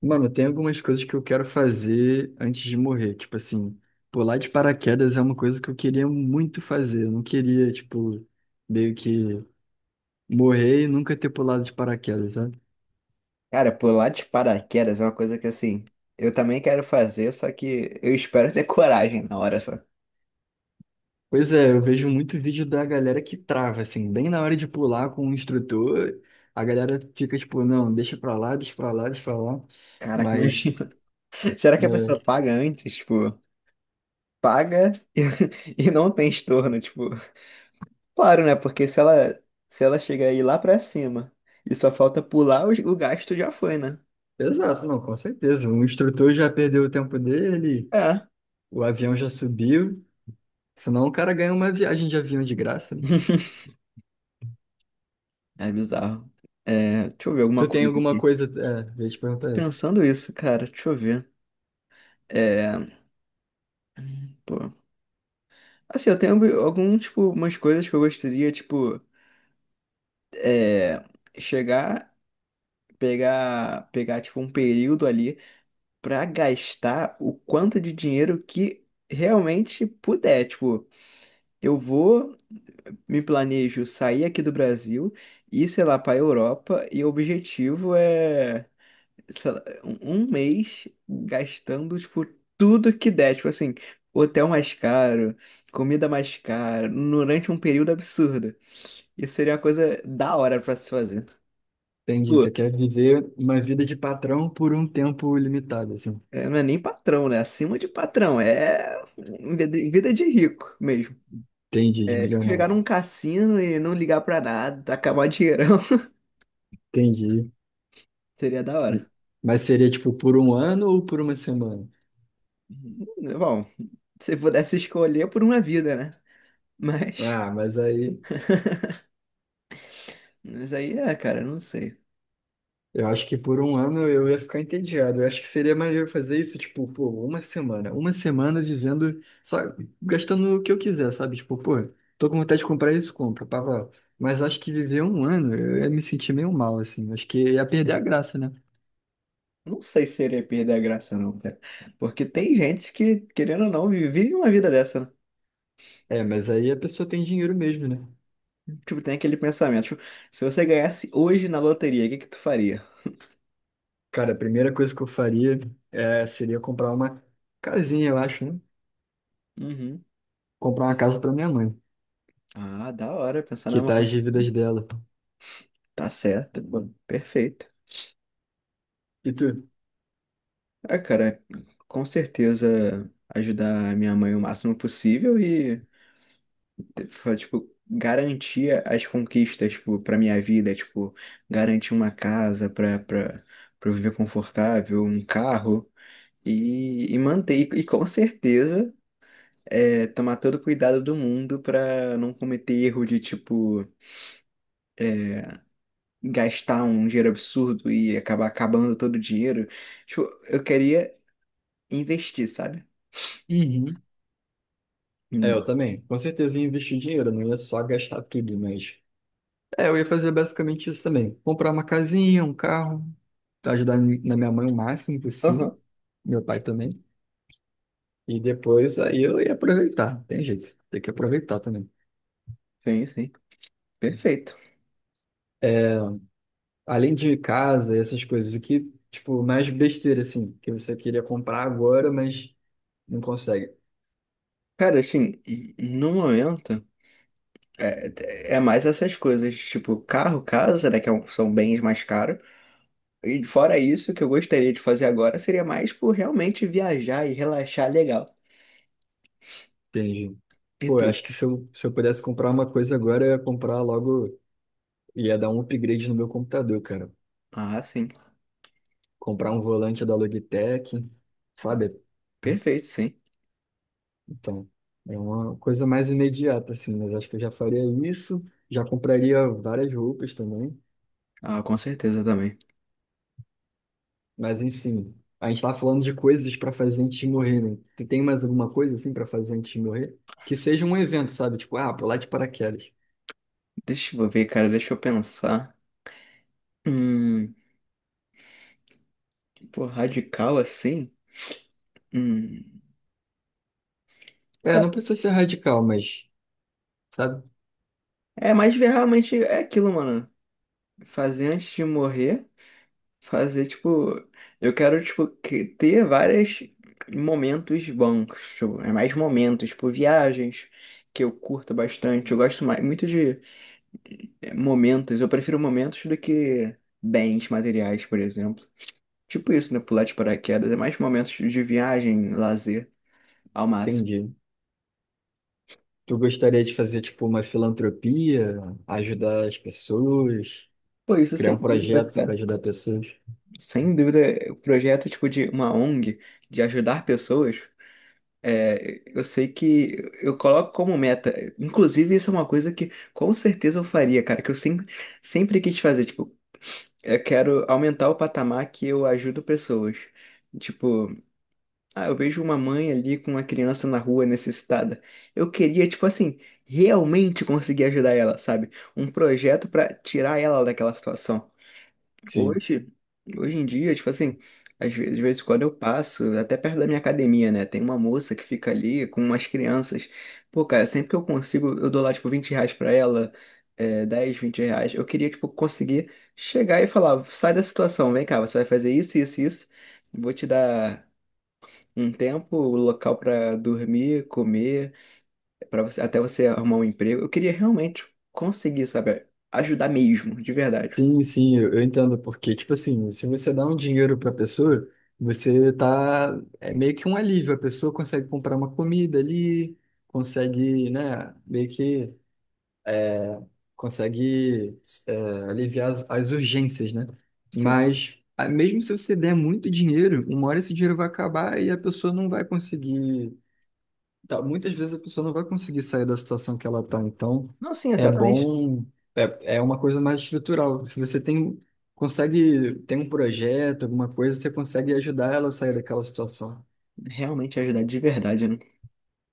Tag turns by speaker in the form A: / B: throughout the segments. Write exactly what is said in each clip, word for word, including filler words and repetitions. A: Mano, tem algumas coisas que eu quero fazer antes de morrer. Tipo assim, pular de paraquedas é uma coisa que eu queria muito fazer. Eu não queria, tipo, meio que morrer e nunca ter pulado de paraquedas, sabe?
B: Cara, pular de paraquedas é uma coisa que assim, eu também quero fazer, só que eu espero ter coragem na hora só.
A: Pois é, eu vejo muito vídeo da galera que trava, assim, bem na hora de pular com o instrutor, a galera fica tipo, não, deixa pra lá, deixa pra lá, deixa pra lá.
B: Caraca,
A: Mas,
B: imagina. Será que a
A: é,
B: pessoa paga antes? Tipo, paga e, e não tem estorno, tipo. Claro, né? Porque se ela, se ela chegar aí lá pra cima e só falta pular, o, o gasto já foi, né?
A: exato, não, com certeza. O instrutor já perdeu o tempo dele,
B: É,
A: o avião já subiu. Senão o cara ganha uma viagem de avião de graça, né?
B: é bizarro. É, deixa eu ver alguma
A: Tu tem
B: coisa
A: alguma
B: aqui.
A: coisa. É, eu ia te
B: Tô
A: perguntar isso.
B: pensando isso, cara, deixa eu ver. É, pô. Assim, eu tenho algum, tipo, umas coisas que eu gostaria, tipo. É, chegar, pegar, pegar tipo um período ali pra gastar o quanto de dinheiro que realmente puder. Tipo, eu vou, me planejo sair aqui do Brasil e sei lá, pra Europa e o objetivo é, sei lá, um um mês gastando, tipo, tudo que der. Tipo assim, hotel mais caro, comida mais cara, durante um período absurdo. Isso seria uma coisa da hora pra se fazer.
A: Entendi. Você quer viver uma vida de patrão por um tempo limitado, assim.
B: É, não é nem patrão, né? Acima de patrão. É vida vida de rico mesmo.
A: Entendi, de
B: É tipo
A: milionário.
B: chegar num cassino e não ligar pra nada, acabar dinheirão.
A: Entendi.
B: Seria da hora.
A: Mas seria tipo por um ano ou por uma semana?
B: Uhum. Bom, se pudesse escolher por uma vida, né? Mas,
A: Ah, mas aí.
B: mas aí é, cara, não sei.
A: Eu acho que por um ano eu ia ficar entediado. Eu acho que seria maneiro fazer isso, tipo, pô, uma semana. Uma semana vivendo, só gastando o que eu quiser, sabe? Tipo, pô, tô com vontade de comprar isso, compra, pá, pá. Mas acho que viver um ano, eu ia me sentir meio mal, assim. Acho que ia perder a graça, né?
B: Não sei se seria perder a graça, não, cara. Porque tem gente que, querendo ou não, vi- vive uma vida dessa, né?
A: É, mas aí a pessoa tem dinheiro mesmo, né?
B: Tipo, tem aquele pensamento, tipo, se você ganhasse hoje na loteria, o que que tu faria?
A: Cara, a primeira coisa que eu faria é, seria comprar uma casinha, eu acho, né?
B: Uhum.
A: Comprar uma casa pra minha mãe,
B: Ah, da hora, pensar na
A: quitar as
B: mão.
A: dívidas dela.
B: Tá certo, bom, perfeito.
A: E tu?
B: Ah, cara, com certeza ajudar a minha mãe o máximo possível e, fa- tipo, garantir as conquistas, tipo, pra minha vida, tipo, garantir uma casa pra, pra, pra eu viver confortável, um carro e, e manter. E, e com certeza é, tomar todo o cuidado do mundo pra não cometer erro de, tipo, gastar um dinheiro absurdo e acabar acabando todo o dinheiro. Tipo, eu queria investir, sabe?
A: Uhum. É,
B: Hum.
A: eu também. Com certeza ia investir dinheiro, não ia só gastar tudo, mas. É, eu ia fazer basicamente isso também. Comprar uma casinha, um carro, ajudar mi- na minha mãe o máximo possível,
B: Aham.
A: meu pai também. E depois aí eu ia aproveitar, tem jeito, tem que aproveitar também.
B: Sim, sim. Perfeito.
A: Além de casa e essas coisas aqui, tipo, mais besteira assim, que você queria comprar agora, mas não consegue.
B: Cara, assim, no momento, é, é mais essas coisas, tipo, carro, casa, né, que é um- são bens mais caros. E fora isso, o que eu gostaria de fazer agora seria mais por realmente viajar e relaxar legal.
A: Entendi.
B: E
A: Pô,
B: tu?
A: eu acho que se eu, se eu pudesse comprar uma coisa agora, eu ia comprar logo, ia dar um upgrade no meu computador, cara.
B: Ah, sim.
A: Comprar um volante da Logitech, sabe?
B: Perfeito, sim.
A: Então, é uma coisa mais imediata, assim, mas acho que eu já faria isso, já compraria várias roupas também,
B: Ah, com certeza também.
A: mas enfim, a gente tá falando de coisas para fazer antes de morrer, né? Tu tem mais alguma coisa, assim, para fazer antes de morrer? Que seja um evento, sabe? Tipo, ah, pular de paraquedas.
B: Deixa eu ver, cara, deixa eu pensar. Hum, pô, radical assim? Hum,
A: É,
B: cara,
A: não precisa ser radical, mas, sabe?
B: é mais ver realmente é aquilo, mano. Fazer antes de morrer. Fazer, tipo, eu quero, tipo, que- ter vários momentos bons, tipo, é mais momentos, tipo, viagens que eu curto bastante. Eu gosto mais, muito de eh, momentos, eu prefiro momentos do que bens materiais, por exemplo. Tipo isso, né? Pular de paraquedas, é mais momentos de viagem, lazer, ao máximo.
A: Entendi. Tu gostaria de fazer, tipo, uma filantropia, ajudar as pessoas,
B: Pô, isso
A: criar
B: sem
A: um
B: dúvida,
A: projeto para
B: cara.
A: ajudar pessoas?
B: Sem dúvida, o projeto, tipo, de uma O N G, de ajudar pessoas. É, eu sei que eu coloco como meta, inclusive isso é uma coisa que com certeza eu faria, cara, que eu sempre, sempre quis fazer, tipo, eu quero aumentar o patamar que eu ajudo pessoas. Tipo, ah, eu vejo uma mãe ali com uma criança na rua necessitada. Eu queria, tipo assim, realmente conseguir ajudar ela, sabe? Um projeto pra tirar ela daquela situação.
A: Sim.
B: Hoje, hoje em dia, tipo assim, às vezes, de vez em quando eu passo, até perto da minha academia, né? Tem uma moça que fica ali com umas crianças. Pô, cara, sempre que eu consigo, eu dou lá, tipo, vinte reais pra ela, é, dez, vinte reais. Eu queria, tipo, conseguir chegar e falar, sai da situação, vem cá, você vai fazer isso, isso, isso. Vou te dar um tempo, o local pra dormir, comer, para você, até você arrumar um emprego. Eu queria realmente conseguir, sabe, ajudar mesmo, de verdade.
A: Sim, sim, eu eu entendo, porque, tipo assim, se você dá um dinheiro para a pessoa, você tá, é meio que um alívio, a pessoa consegue comprar uma comida ali, consegue, né, meio que consegue é, aliviar as, as urgências, né?
B: Sim.
A: Mas, a- mesmo se você der muito dinheiro, uma hora esse dinheiro vai acabar e a pessoa não vai conseguir. Tá, muitas vezes a pessoa não vai conseguir sair da situação que ela está, então
B: Não, sim,
A: é
B: exatamente.
A: bom, é, é uma coisa mais estrutural. Se você tem, consegue, tem um projeto, alguma coisa, você consegue ajudar ela a sair daquela situação.
B: Realmente ajudar de verdade, né?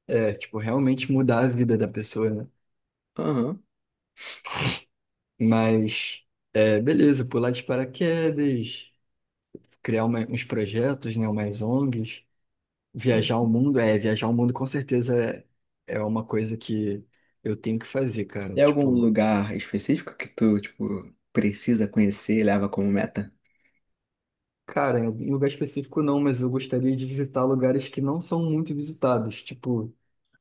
A: É, tipo, realmente mudar a vida da pessoa, né?
B: Aham.
A: Mas, é, beleza, pular de paraquedas, criar uma- uns projetos, né, umas O N Gs, viajar o mundo, é, viajar o mundo com certeza é, é uma coisa que eu tenho que fazer, cara,
B: Tem algum
A: tipo...
B: lugar específico que tu, tipo, precisa conhecer e leva como meta?
A: Cara, em em lugar específico não, mas eu gostaria de visitar lugares que não são muito visitados, tipo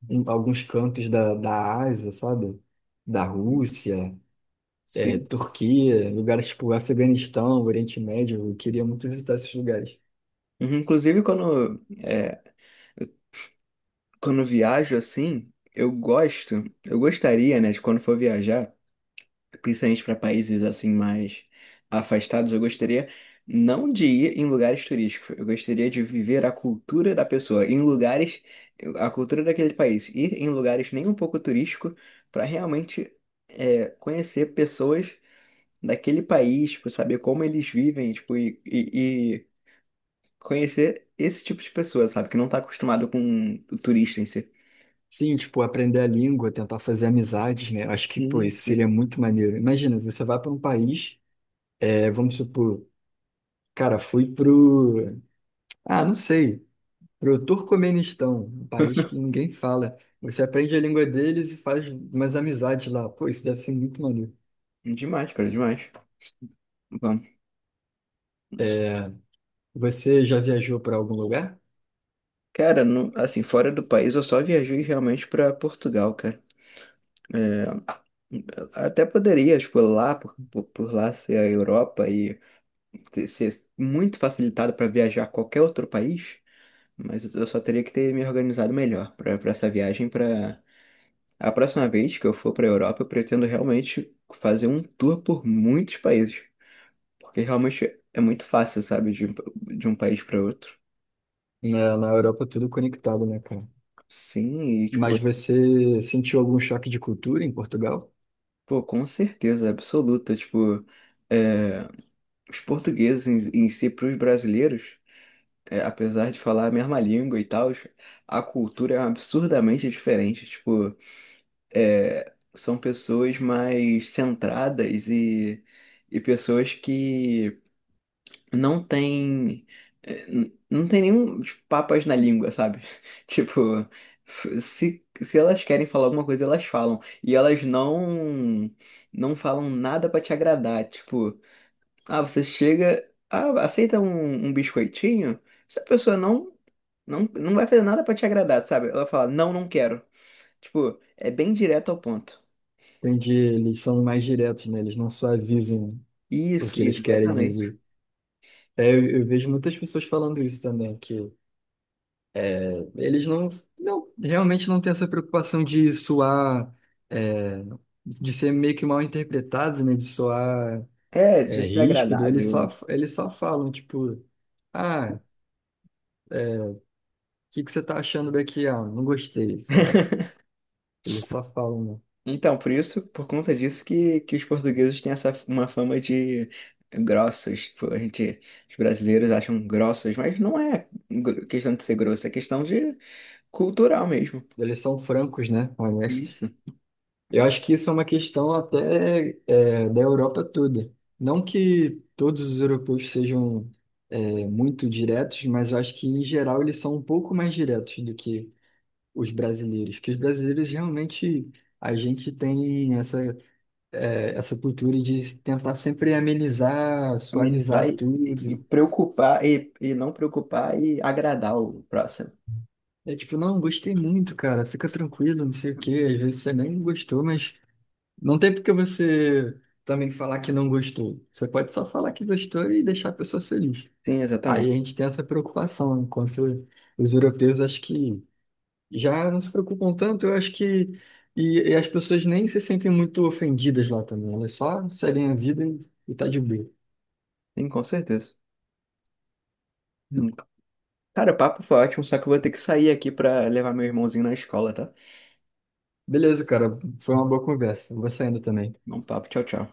A: em alguns cantos da, da Ásia, sabe? Da Rússia, é,
B: Sim.
A: Turquia, lugares tipo Afeganistão, Oriente Médio, eu queria muito visitar esses lugares.
B: Uhum, inclusive, quando, é, eu- quando eu viajo assim, eu gosto, eu gostaria, né, de quando for viajar. Principalmente para países assim mais afastados, eu gostaria não de ir em lugares turísticos, eu gostaria de viver a cultura da pessoa, em lugares, a cultura daquele país, ir em lugares nem um pouco turístico para realmente é, conhecer pessoas daquele país, tipo, saber como eles vivem, tipo, e, e- e conhecer esse tipo de pessoa, sabe, que não está acostumado com o turista em si.
A: Sim, tipo, aprender a língua, tentar fazer amizades, né? Acho que, pô,
B: Hum.
A: isso seria muito maneiro. Imagina, você vai para um país, é, vamos supor, cara, fui pro... Ah, não sei. Para o Turcomenistão, um país que ninguém fala. Você aprende a língua deles e faz umas amizades lá. Pô, isso deve ser muito maneiro.
B: Demais, cara, demais. Vamos.
A: Você já viajou para algum lugar?
B: Cara, não- assim, fora do país, eu só viajei realmente pra Portugal, cara. É, até poderia, tipo, lá, por, por, por lá ser a Europa e ter- ser muito facilitado pra viajar a qualquer outro país, mas eu só teria que ter me organizado melhor pra pra essa viagem. Pra a próxima vez que eu for pra Europa, eu pretendo realmente fazer um tour por muitos países, porque realmente é muito fácil, sabe, de, um- de um país pra outro.
A: Na, na Europa, tudo conectado, né, cara?
B: Sim, e tipo.
A: Mas você sentiu algum choque de cultura em Portugal?
B: Pô, com certeza, absoluta. Tipo, é, os portugueses em, em si, para os brasileiros, é, apesar de falar a mesma língua e tal, a cultura é absurdamente diferente. Tipo, é, são pessoas mais centradas e, e pessoas que não tem eh, n- não tem nenhum tipo, papas na língua, sabe? Tipo, f- se, se elas querem falar alguma coisa, elas falam. E elas não não falam nada pra te agradar. Tipo, ah, você chega, ah, aceita um, um biscoitinho? Se a pessoa não, não, não vai fazer nada pra te agradar, sabe? Ela fala, não, não quero. Tipo, é bem direto ao ponto.
A: Entende? Eles são mais diretos, né? Eles não só avisam o
B: Isso,
A: que eles
B: isso,
A: querem
B: exatamente.
A: dizer. É, eu, eu vejo muitas pessoas falando isso também, que eles não, não- realmente não têm essa preocupação de soar, é, de ser meio que mal interpretado, né? De soar,
B: É, de
A: é,
B: ser
A: ríspido. Eles só,
B: agradável.
A: eles só falam, tipo, ah, o que que você tá achando daqui? Ah, não gostei, sei lá. Eles só falam, né?
B: Então, por isso, por conta disso que, que os portugueses têm essa uma fama de grossos. Tipo, a gente, os brasileiros acham grossos, mas não é gr- questão de ser grosso, é questão de cultural mesmo.
A: Eles são francos, né? Honestos.
B: Isso.
A: Eu acho que isso é uma questão até, é, da Europa toda. Não que todos os europeus sejam, é, muito diretos, mas eu acho que, em geral, eles são um pouco mais diretos do que os brasileiros, que os brasileiros realmente a gente tem essa, é, essa cultura de tentar sempre amenizar,
B: Amenizar
A: suavizar
B: e, e
A: tudo.
B: preocupar e, e não preocupar e agradar o próximo.
A: É tipo, não, gostei muito, cara, fica tranquilo, não sei o quê. Às vezes você nem gostou, mas não tem porque você também falar que não gostou. Você pode só falar que gostou e deixar a pessoa feliz.
B: Sim,
A: Aí
B: exatamente.
A: a gente tem essa preocupação, enquanto os europeus acho que já não se preocupam tanto, eu acho que. E, e as pessoas nem se sentem muito ofendidas lá também. Elas só seguem a vida e, e tá de boa.
B: Sim, com certeza. Hum. Cara, o papo foi ótimo, só que eu vou ter que sair aqui pra levar meu irmãozinho na escola, tá?
A: Beleza, cara. Foi uma boa conversa. Eu vou saindo também.
B: Bom papo, tchau, tchau.